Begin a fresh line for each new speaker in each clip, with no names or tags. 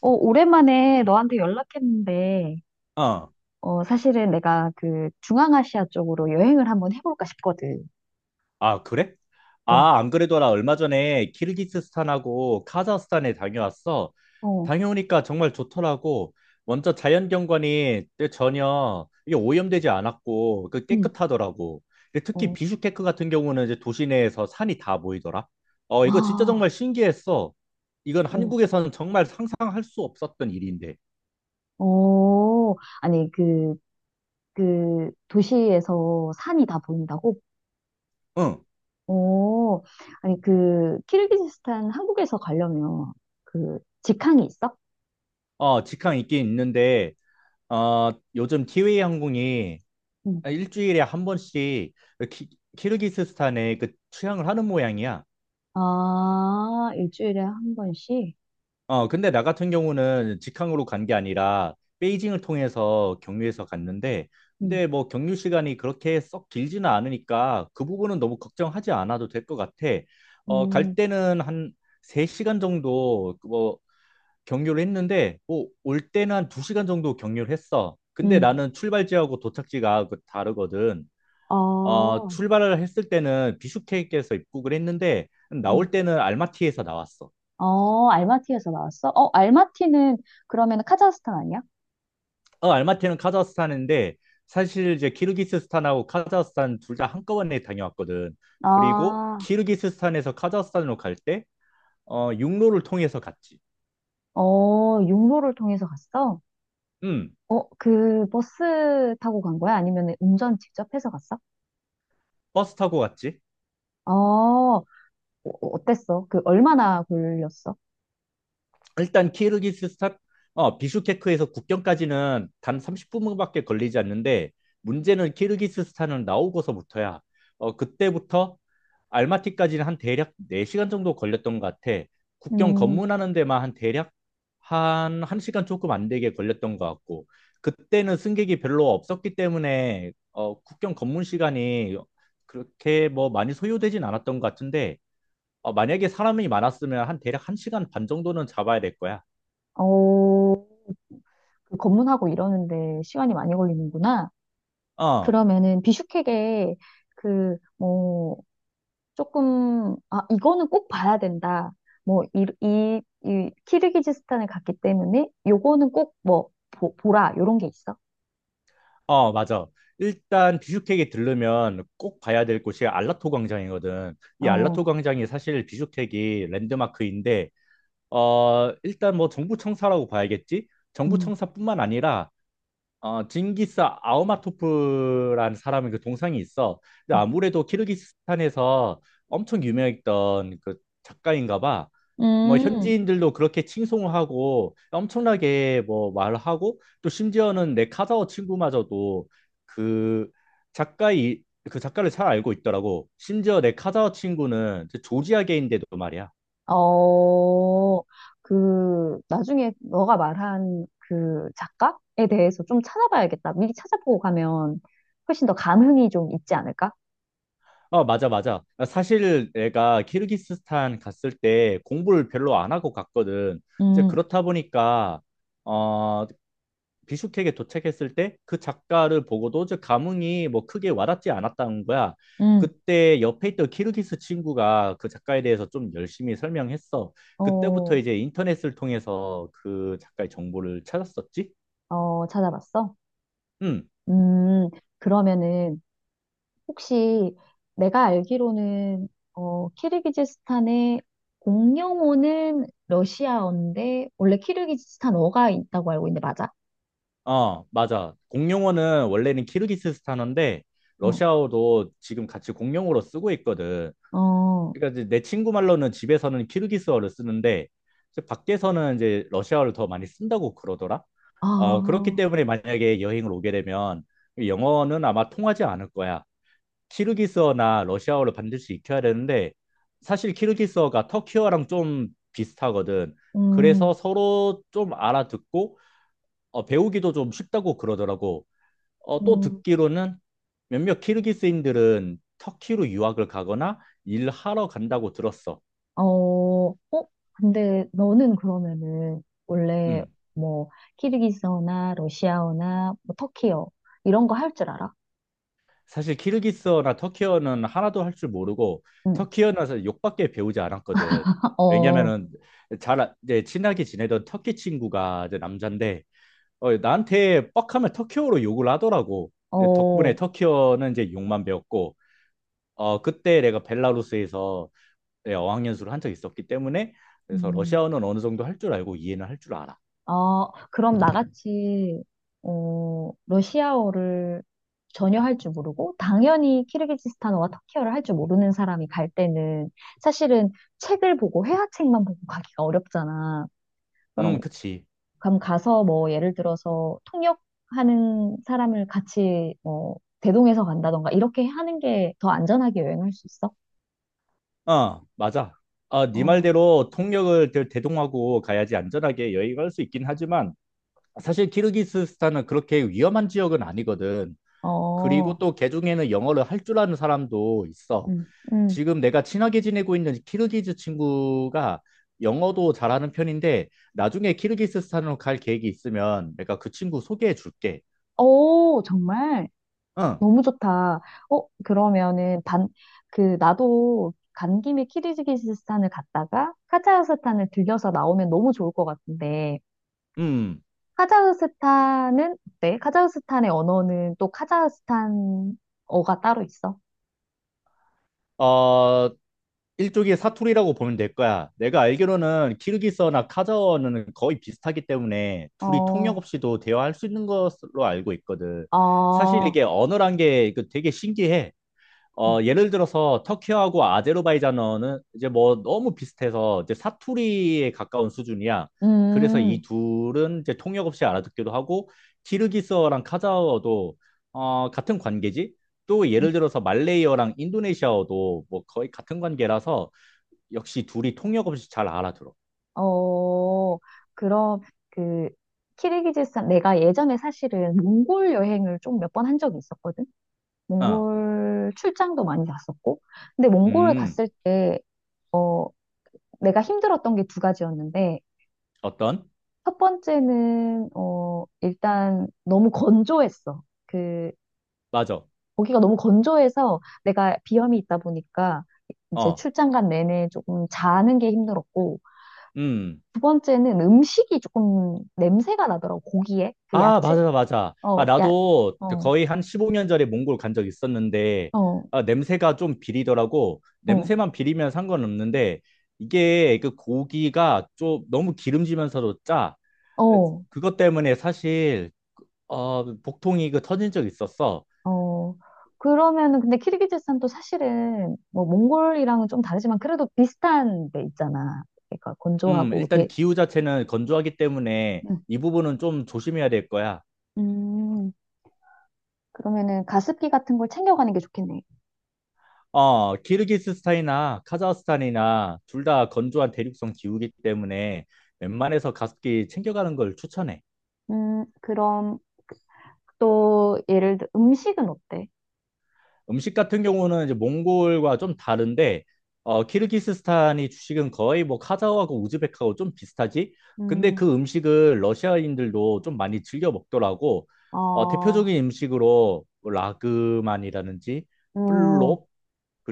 어, 오랜만에 너한테 연락했는데,
어.
어, 사실은 내가 그 중앙아시아 쪽으로 여행을 한번 해볼까 싶거든.
아, 그래?
어,
아, 안 그래도 나 얼마 전에 키르기스스탄하고 카자흐스탄에 다녀왔어.
어,
다녀오니까 정말 좋더라고. 먼저 자연경관이 전혀 이게 오염되지 않았고 그
응,
깨끗하더라고. 근데 특히
어,
비슈케크 같은 경우는 이제 도시 내에서 산이 다 보이더라. 이거 진짜
아,
정말 신기했어. 이건
어,
한국에서는 정말 상상할 수 없었던 일인데.
어. 아니, 그 도시에서 산이 다 보인다고?
응.
어, 아니, 그, 키르기즈스탄 한국에서 가려면 그 직항이 있어?
직항 있긴 있는데 요즘 티웨이 항공이
응.
일주일에 한 번씩 키르기스스탄에 그 취항을 하는 모양이야.
아, 일주일에 한 번씩?
근데 나 같은 경우는 직항으로 간 게 아니라 베이징을 통해서 경유해서 갔는데,
응,
근데 뭐 경유 시간이 그렇게 썩 길지는 않으니까 그 부분은 너무 걱정하지 않아도 될 것 같아. 갈
음,
때는 한 3시간 정도 그뭐 경유를 했는데, 뭐 올 때는 한 2시간 정도 경유를 했어. 근데
음.
나는 출발지하고 도착지가 그 다르거든.
아,
출발을 했을 때는 비슈케크에서 입국을 했는데 나올 때는 알마티에서 나왔어.
어, 알마티에서 나왔어? 어, 알마티는 그러면 카자흐스탄 아니야?
알마티는 카자흐스탄인데 사실 이제 키르기스스탄하고 카자흐스탄 둘 다 한꺼번에 다녀왔거든. 그리고
아,
키르기스스탄에서 카자흐스탄으로 갈 때 육로를 통해서 갔지.
어, 육로를 통해서 갔어?
음,
어, 그 버스 타고 간 거야? 아니면 운전 직접 해서 갔어?
버스 타고 갔지.
어, 어, 어땠어? 그 얼마나 걸렸어?
일단 키르기스스탄 비슈케크에서 국경까지는 단 30분밖에 걸리지 않는데 문제는 키르기스스탄을 나오고서부터야. 그때부터 알마티까지는 한 대략 4시간 정도 걸렸던 것 같아. 국경
음,
검문하는 데만 한 대략 한 1시간 조금 안 되게 걸렸던 것 같고, 그때는 승객이 별로 없었기 때문에 국경 검문 시간이 그렇게 뭐 많이 소요되진 않았던 것 같은데, 만약에 사람이 많았으면 한 대략 1시간 반 정도는 잡아야 될 거야.
어, 그 검문하고 이러는데 시간이 많이 걸리는구나.
어,
그러면은 비슈케게 그, 뭐, 조금, 아, 이거는 꼭 봐야 된다. 뭐, 이 키르기즈스탄을 갔기 때문에 요거는 꼭 뭐, 보라. 요런 게 있어.
어, 맞아. 일단 비주택에 들르면 꼭 봐야 될 곳이 알라토 광장이거든. 이
어,
알라토 광장이 사실 비주택이 랜드마크인데, 일단 뭐 정부청사라고 봐야겠지?
음,
정부청사뿐만 아니라 징기스 아우마토프라는 사람의 그 동상이 있어. 근데
음,
아무래도 키르기스탄에서 엄청 유명했던 그 작가인가 봐. 뭐
음,
현지인들도 그렇게 칭송을 하고 엄청나게 뭐 말을 하고, 또 심지어는 내 카자흐 친구마저도 그 작가이 그 작가를 잘 알고 있더라고. 심지어 내 카자흐 친구는 그 조지아계인데도 말이야.
어, 그, 나중에 너가 말한 그 작가에 대해서 좀 찾아봐야겠다. 미리 찾아보고 가면 훨씬 더 감흥이 좀 있지 않을까?
맞아, 맞아. 사실 내가 키르기스스탄 갔을 때 공부를 별로 안 하고 갔거든. 이제
음,
그렇다 보니까, 어, 비슈케크에 도착했을 때 그 작가를 보고도 저 감흥이 뭐 크게 와닿지 않았다는 거야.
음,
그때 옆에 있던 키르기스 친구가 그 작가에 대해서 좀 열심히 설명했어. 그때부터
어,
이제 인터넷을 통해서 그 작가의 정보를 찾았었지?
어, 찾아봤어?
응.
음, 그러면은, 혹시 내가 알기로는 어, 키르기즈스탄의 공용어는 러시아어인데 원래 키르기즈스탄어가 있다고 알고 있는데 맞아?
맞아. 공용어는 원래는 키르기스스탄어인데
어,
러시아어도 지금 같이 공용어로 쓰고 있거든.
어,
그러니까 이제 내 친구 말로는 집에서는 키르기스어를 쓰는데 이제 밖에서는 이제 러시아어를 더 많이 쓴다고 그러더라. 그렇기
아,
때문에 만약에 여행을 오게 되면 영어는 아마 통하지 않을 거야. 키르기스어나 러시아어를 반드시 익혀야 되는데 사실 키르기스어가 터키어랑 좀 비슷하거든. 그래서
음,
서로 좀 알아듣고 배우기도 좀 쉽다고 그러더라고. 또
음,
듣기로는 몇몇 키르기스인들은 터키로 유학을 가거나 일하러 간다고 들었어.
어, 어, 근데 너는 그러면은 원래
음.
뭐 키르기스어나 러시아어나 뭐 터키어 이런 거 할 줄 알아?
사실 키르기스어나 터키어는 하나도 할 줄 모르고
응,
터키어는 사실 욕밖에 배우지 않았거든.
어,
왜냐면은 이제 친하게 지내던 터키 친구가 이제 남잔데 나한테 뻑하면 터키어로 욕을 하더라고. 덕분에
어,
터키어는 이제 욕만 배웠고 그때 내가 벨라루스에서 네, 어학연수를 한 적이 있었기 때문에 그래서
음.
러시아어는 어느 정도 할 줄 알고 이해는 할 줄 알아.
어, 그럼 나같이, 어, 러시아어를 전혀 할 줄 모르고, 당연히 키르기즈스탄어와 터키어를 할 줄 모르는 사람이 갈 때는 사실은 책을 보고, 회화책만 보고 가기가 어렵잖아. 그럼,
그치.
가서 뭐, 예를 들어서 통역하는 사람을 같이, 뭐, 대동해서 간다던가, 이렇게 하는 게 더 안전하게 여행할 수 있어?
맞아. 아, 네
어,
말대로 통역을 대동하고 가야지 안전하게 여행할 수 있긴 하지만, 사실 키르기스스탄은 그렇게 위험한 지역은 아니거든. 그리고
어,
또 개중에는 영어를 할 줄 아는 사람도 있어.
음. 음.
지금 내가 친하게 지내고 있는 키르기즈 친구가 영어도 잘하는 편인데 나중에 키르기스스탄으로 갈 계획이 있으면 내가 그 친구 소개해 줄게.
오, 정말?
응,
너무 좋다. 어, 그러면은 그, 나도 간 김에 키르기즈스탄을 갔다가 카자흐스탄을 들려서 나오면 너무 좋을 것 같은데,
음.
카자흐스탄은 어때? 카자흐스탄의 언어는 또 카자흐스탄어가 따로 있어?
어, 일종의 사투리라고 보면 될 거야. 내가 알기로는 키르기스어나 카자흐어는 거의 비슷하기 때문에 둘이 통역
어,
없이도 대화할 수 있는 것으로 알고 있거든. 사실
어,
이게 언어란 게 그 되게 신기해. 예를 들어서 터키하고 아제르바이잔어는 이제 뭐 너무 비슷해서 이제 사투리에 가까운 수준이야. 그래서 이
음,
둘은 이제 통역 없이 알아듣기도 하고, 키르기스어랑 카자흐어도 같은 관계지. 또
음,
예를 들어서 말레이어랑 인도네시아어도 뭐 거의 같은 관계라서 역시 둘이 통역 없이 잘 알아들어.
어, 그럼 그, 키르기즈스탄, 내가 예전에 사실은 몽골 여행을 좀 몇 번 한 적이 있었거든?
어,
몽골 출장도 많이 갔었고. 근데 몽골을
음,
갔을 때 어, 내가 힘들었던 게 두 가지였는데,
어떤?
첫 번째는, 어, 일단 너무 건조했어. 그,
맞아.
거기가 너무 건조해서 내가 비염이 있다 보니까 이제
어,
출장 간 내내 조금 자는 게 힘들었고,
음.
두 번째는 음식이 조금 냄새가 나더라고, 고기에. 그
아,
야채?
맞아, 맞아.
어,
아,
야,
나도 그
어,
거의 한 15년 전에 몽골 간 적 있었는데,
어,
아, 냄새가 좀 비리더라고.
어,
냄새만 비리면 상관없는데, 이게 그 고기가 좀 너무 기름지면서도 짜.
어.
그것 때문에 사실, 복통이 그 터진 적 있었어.
어, 그러면은, 근데 키르기즈스탄도 사실은, 뭐, 몽골이랑은 좀 다르지만, 그래도 비슷한 데 있잖아. 그러니까 건조하고,
일단 기후 자체는 건조하기 때문에
음,
이 부분은 좀 조심해야 될 거야.
음, 그러면은 가습기 같은 걸 챙겨가는 게 좋겠네.
키르기스스탄이나 카자흐스탄이나 둘 다 건조한 대륙성 기후이기 때문에 웬만해서 가습기 챙겨가는 걸 추천해.
그럼 또 예를 들어 음식은 어때?
음식 같은 경우는 이제 몽골과 좀 다른데, 키르기스스탄이 주식은 거의 뭐 카자흐하고 우즈벡하고 좀 비슷하지? 근데
음,
그 음식을 러시아인들도 좀 많이 즐겨 먹더라고.
어,
대표적인 음식으로 뭐 라그만이라든지,
어,
플롭,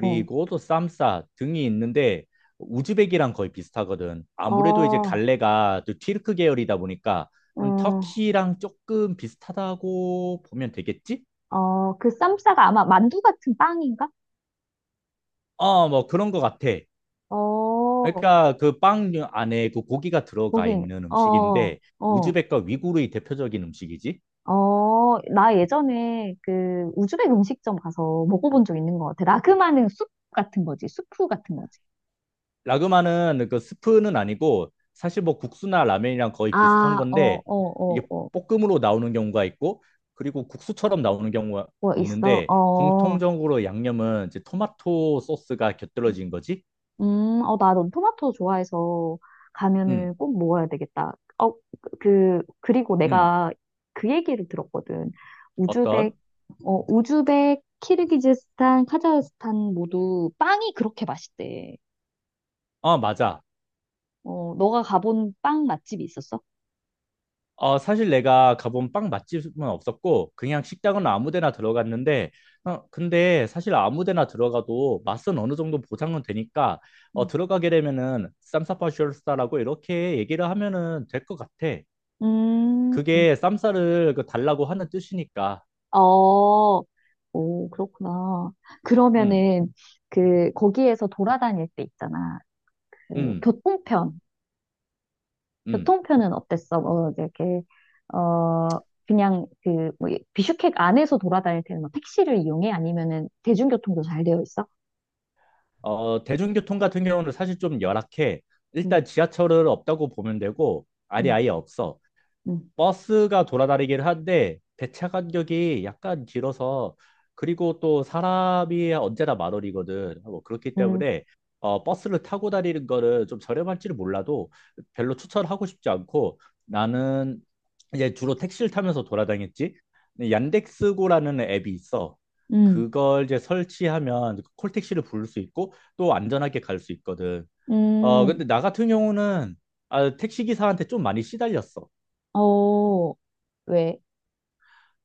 어,
또 쌈싸 등이 있는데 우즈벡이랑 거의 비슷하거든. 아무래도 이제
어,
갈래가 또 튀르크 계열이다 보니까 좀
음,
터키랑 조금 비슷하다고 보면 되겠지?
어, 그 쌈싸가 아마 만두 같은 빵인가?
뭐 그런 것 같아.
어,
그러니까 그 빵 안에 그 고기가 들어가
거긴,
있는
어,
음식인데
어.
우즈벡과 위구르의 대표적인 음식이지.
어, 나 예전에 그 우즈벡 음식점 가서 먹어본 적 있는 것 같아. 라그마는 숲 같은 거지. 수프 같은 거지.
라그마는 그 스프는 아니고 사실 뭐 국수나 라면이랑 거의 비슷한
아, 어, 어,
건데
어,
이게
어.
볶음으로 나오는 경우가 있고 그리고 국수처럼 나오는 경우가
뭐 있어?
있는데,
어.
공통적으로 양념은 이제 토마토 소스가 곁들여진 거지.
어, 나 넌 토마토 좋아해서
음,
가면은 꼭 먹어야 되겠다. 어, 그, 그리고
음,
내가 그 얘기를 들었거든. 우즈벡,
어떤?
키르기즈스탄, 카자흐스탄 모두 빵이 그렇게 맛있대.
맞아.
어, 너가 가본 빵 맛집이 있었어?
사실 내가 가본 빵 맛집은 없었고, 그냥 식당은 아무 데나 들어갔는데, 근데 사실 아무 데나 들어가도 맛은 어느 정도 보장은 되니까,
응.
들어가게 되면은 쌈싸파쇼스타라고 이렇게 얘기를 하면은 될 것 같아.
음,
그게 쌈싸를 그 달라고 하는 뜻이니까.
어, 오, 그렇구나.
음.
그러면은, 그, 거기에서 돌아다닐 때 있잖아. 그,
음.
교통편.
음.
교통편은 어땠어? 뭐, 이제 이렇게, 어, 그냥 그, 뭐, 비슈크 안에서 돌아다닐 때는 뭐 택시를 이용해? 아니면은 대중교통도 잘 되어 있어?
대중교통 같은 경우는 사실 좀 열악해.
음,
일단 지하철은 없다고 보면 되고, 아니
음,
아예 없어.
음,
버스가 돌아다니긴 한데 배차 간격이 약간 길어서 그리고 또 사람이 언제나 만 원이거든. 뭐 그렇기
음,
때문에 버스를 타고 다니는 거는 좀 저렴할지는 몰라도 별로 추천하고 싶지 않고, 나는 이제 주로 택시를 타면서 돌아다녔지. 근데 얀덱스고라는 앱이 있어.
음,
그걸 이제 설치하면 콜택시를 부를 수 있고 또 안전하게 갈 수 있거든.
음,
근데 나 같은 경우는 아, 택시기사한테 좀 많이 시달렸어.
어, 왜?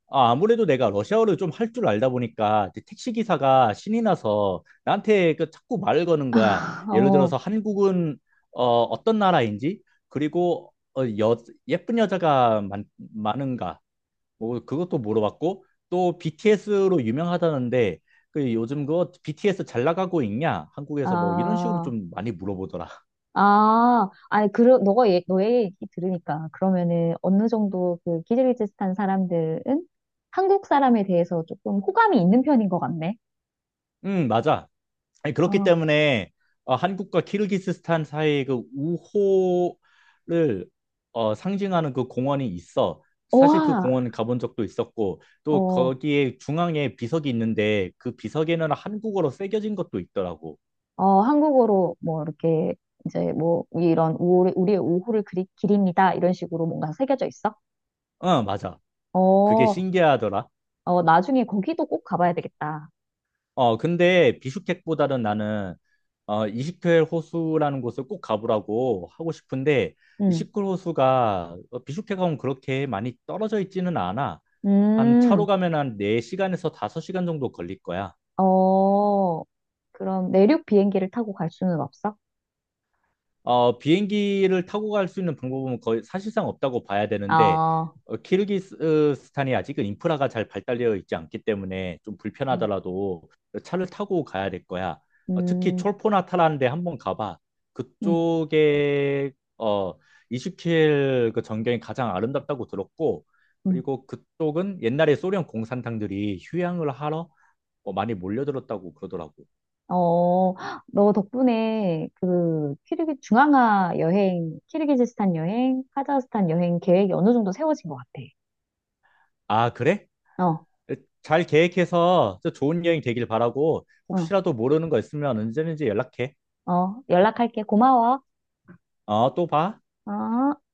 아, 아무래도 내가 러시아어를 좀 할 줄 알다 보니까 이제 택시 기사가 신이 나서 나한테 그 자꾸 말을 거는 거야. 예를
어,
들어서 한국은 어떤 나라인지, 그리고 예쁜 여자가 많은가 뭐 그것도 물어봤고, 또 BTS로 유명하다는데 그 요즘 그거 BTS 잘 나가고 있냐? 한국에서 뭐 이런 식으로
아.
좀 많이 물어보더라.
아, 아니, 너가, 얘, 너의 얘기 들으니까, 그러면은, 어느 정도 그 키르기즈스탄 사람들은 한국 사람에 대해서 조금 호감이 있는 편인 것 같네.
응, 맞아. 아니, 그렇기
어,
때문에 한국과 키르기스스탄 사이의 그 우호를 상징하는 그 공원이 있어. 사실 그
와,
공원 가본 적도 있었고, 또
어,
거기에 중앙에 비석이 있는데 그 비석에는 한국어로 새겨진 것도 있더라고.
어, 한국어로 뭐, 이렇게, 이제 뭐, 이런, 우리의 오후를 기립니다. 이런 식으로 뭔가 새겨져 있어?
맞아. 그게
어,
신기하더라.
어, 나중에 거기도 꼭 가봐야 되겠다.
근데 비슈케크보다는 나는 이시클 호수라는 곳을 꼭 가보라고 하고 싶은데, 이
음,
시클 호수가 비슈케크하고 그렇게 많이 떨어져 있지는 않아. 한 차로
음,
가면 한 4시간에서 5시간 정도 걸릴 거야.
어, 그럼 내륙 비행기를 타고 갈 수는 없어?
비행기를 타고 갈 수 있는 방법은 거의 사실상 없다고 봐야 되는데
아,
키르기스탄이 아직은 인프라가 잘 발달되어 있지 않기 때문에 좀
어,
불편하더라도 차를 타고 가야 될 거야. 특히
음.
촐포나타라는 데 한번 가봐.
음.
그쪽에 어, 이슈킬 그 전경이 가장 아름답다고 들었고,
음.
그리고 그쪽은 옛날에 소련 공산당들이 휴양을 하러 많이 몰려들었다고 그러더라고.
어, 너 덕분에 그 키르기즈스탄 여행, 카자흐스탄 여행 계획이 어느 정도 세워진 것 같아.
아, 그래?
어,
잘 계획해서 또 좋은 여행 되길 바라고
응,
혹시라도 모르는 거 있으면 언제든지 연락해.
어, 연락할게. 고마워.
또 봐.
어.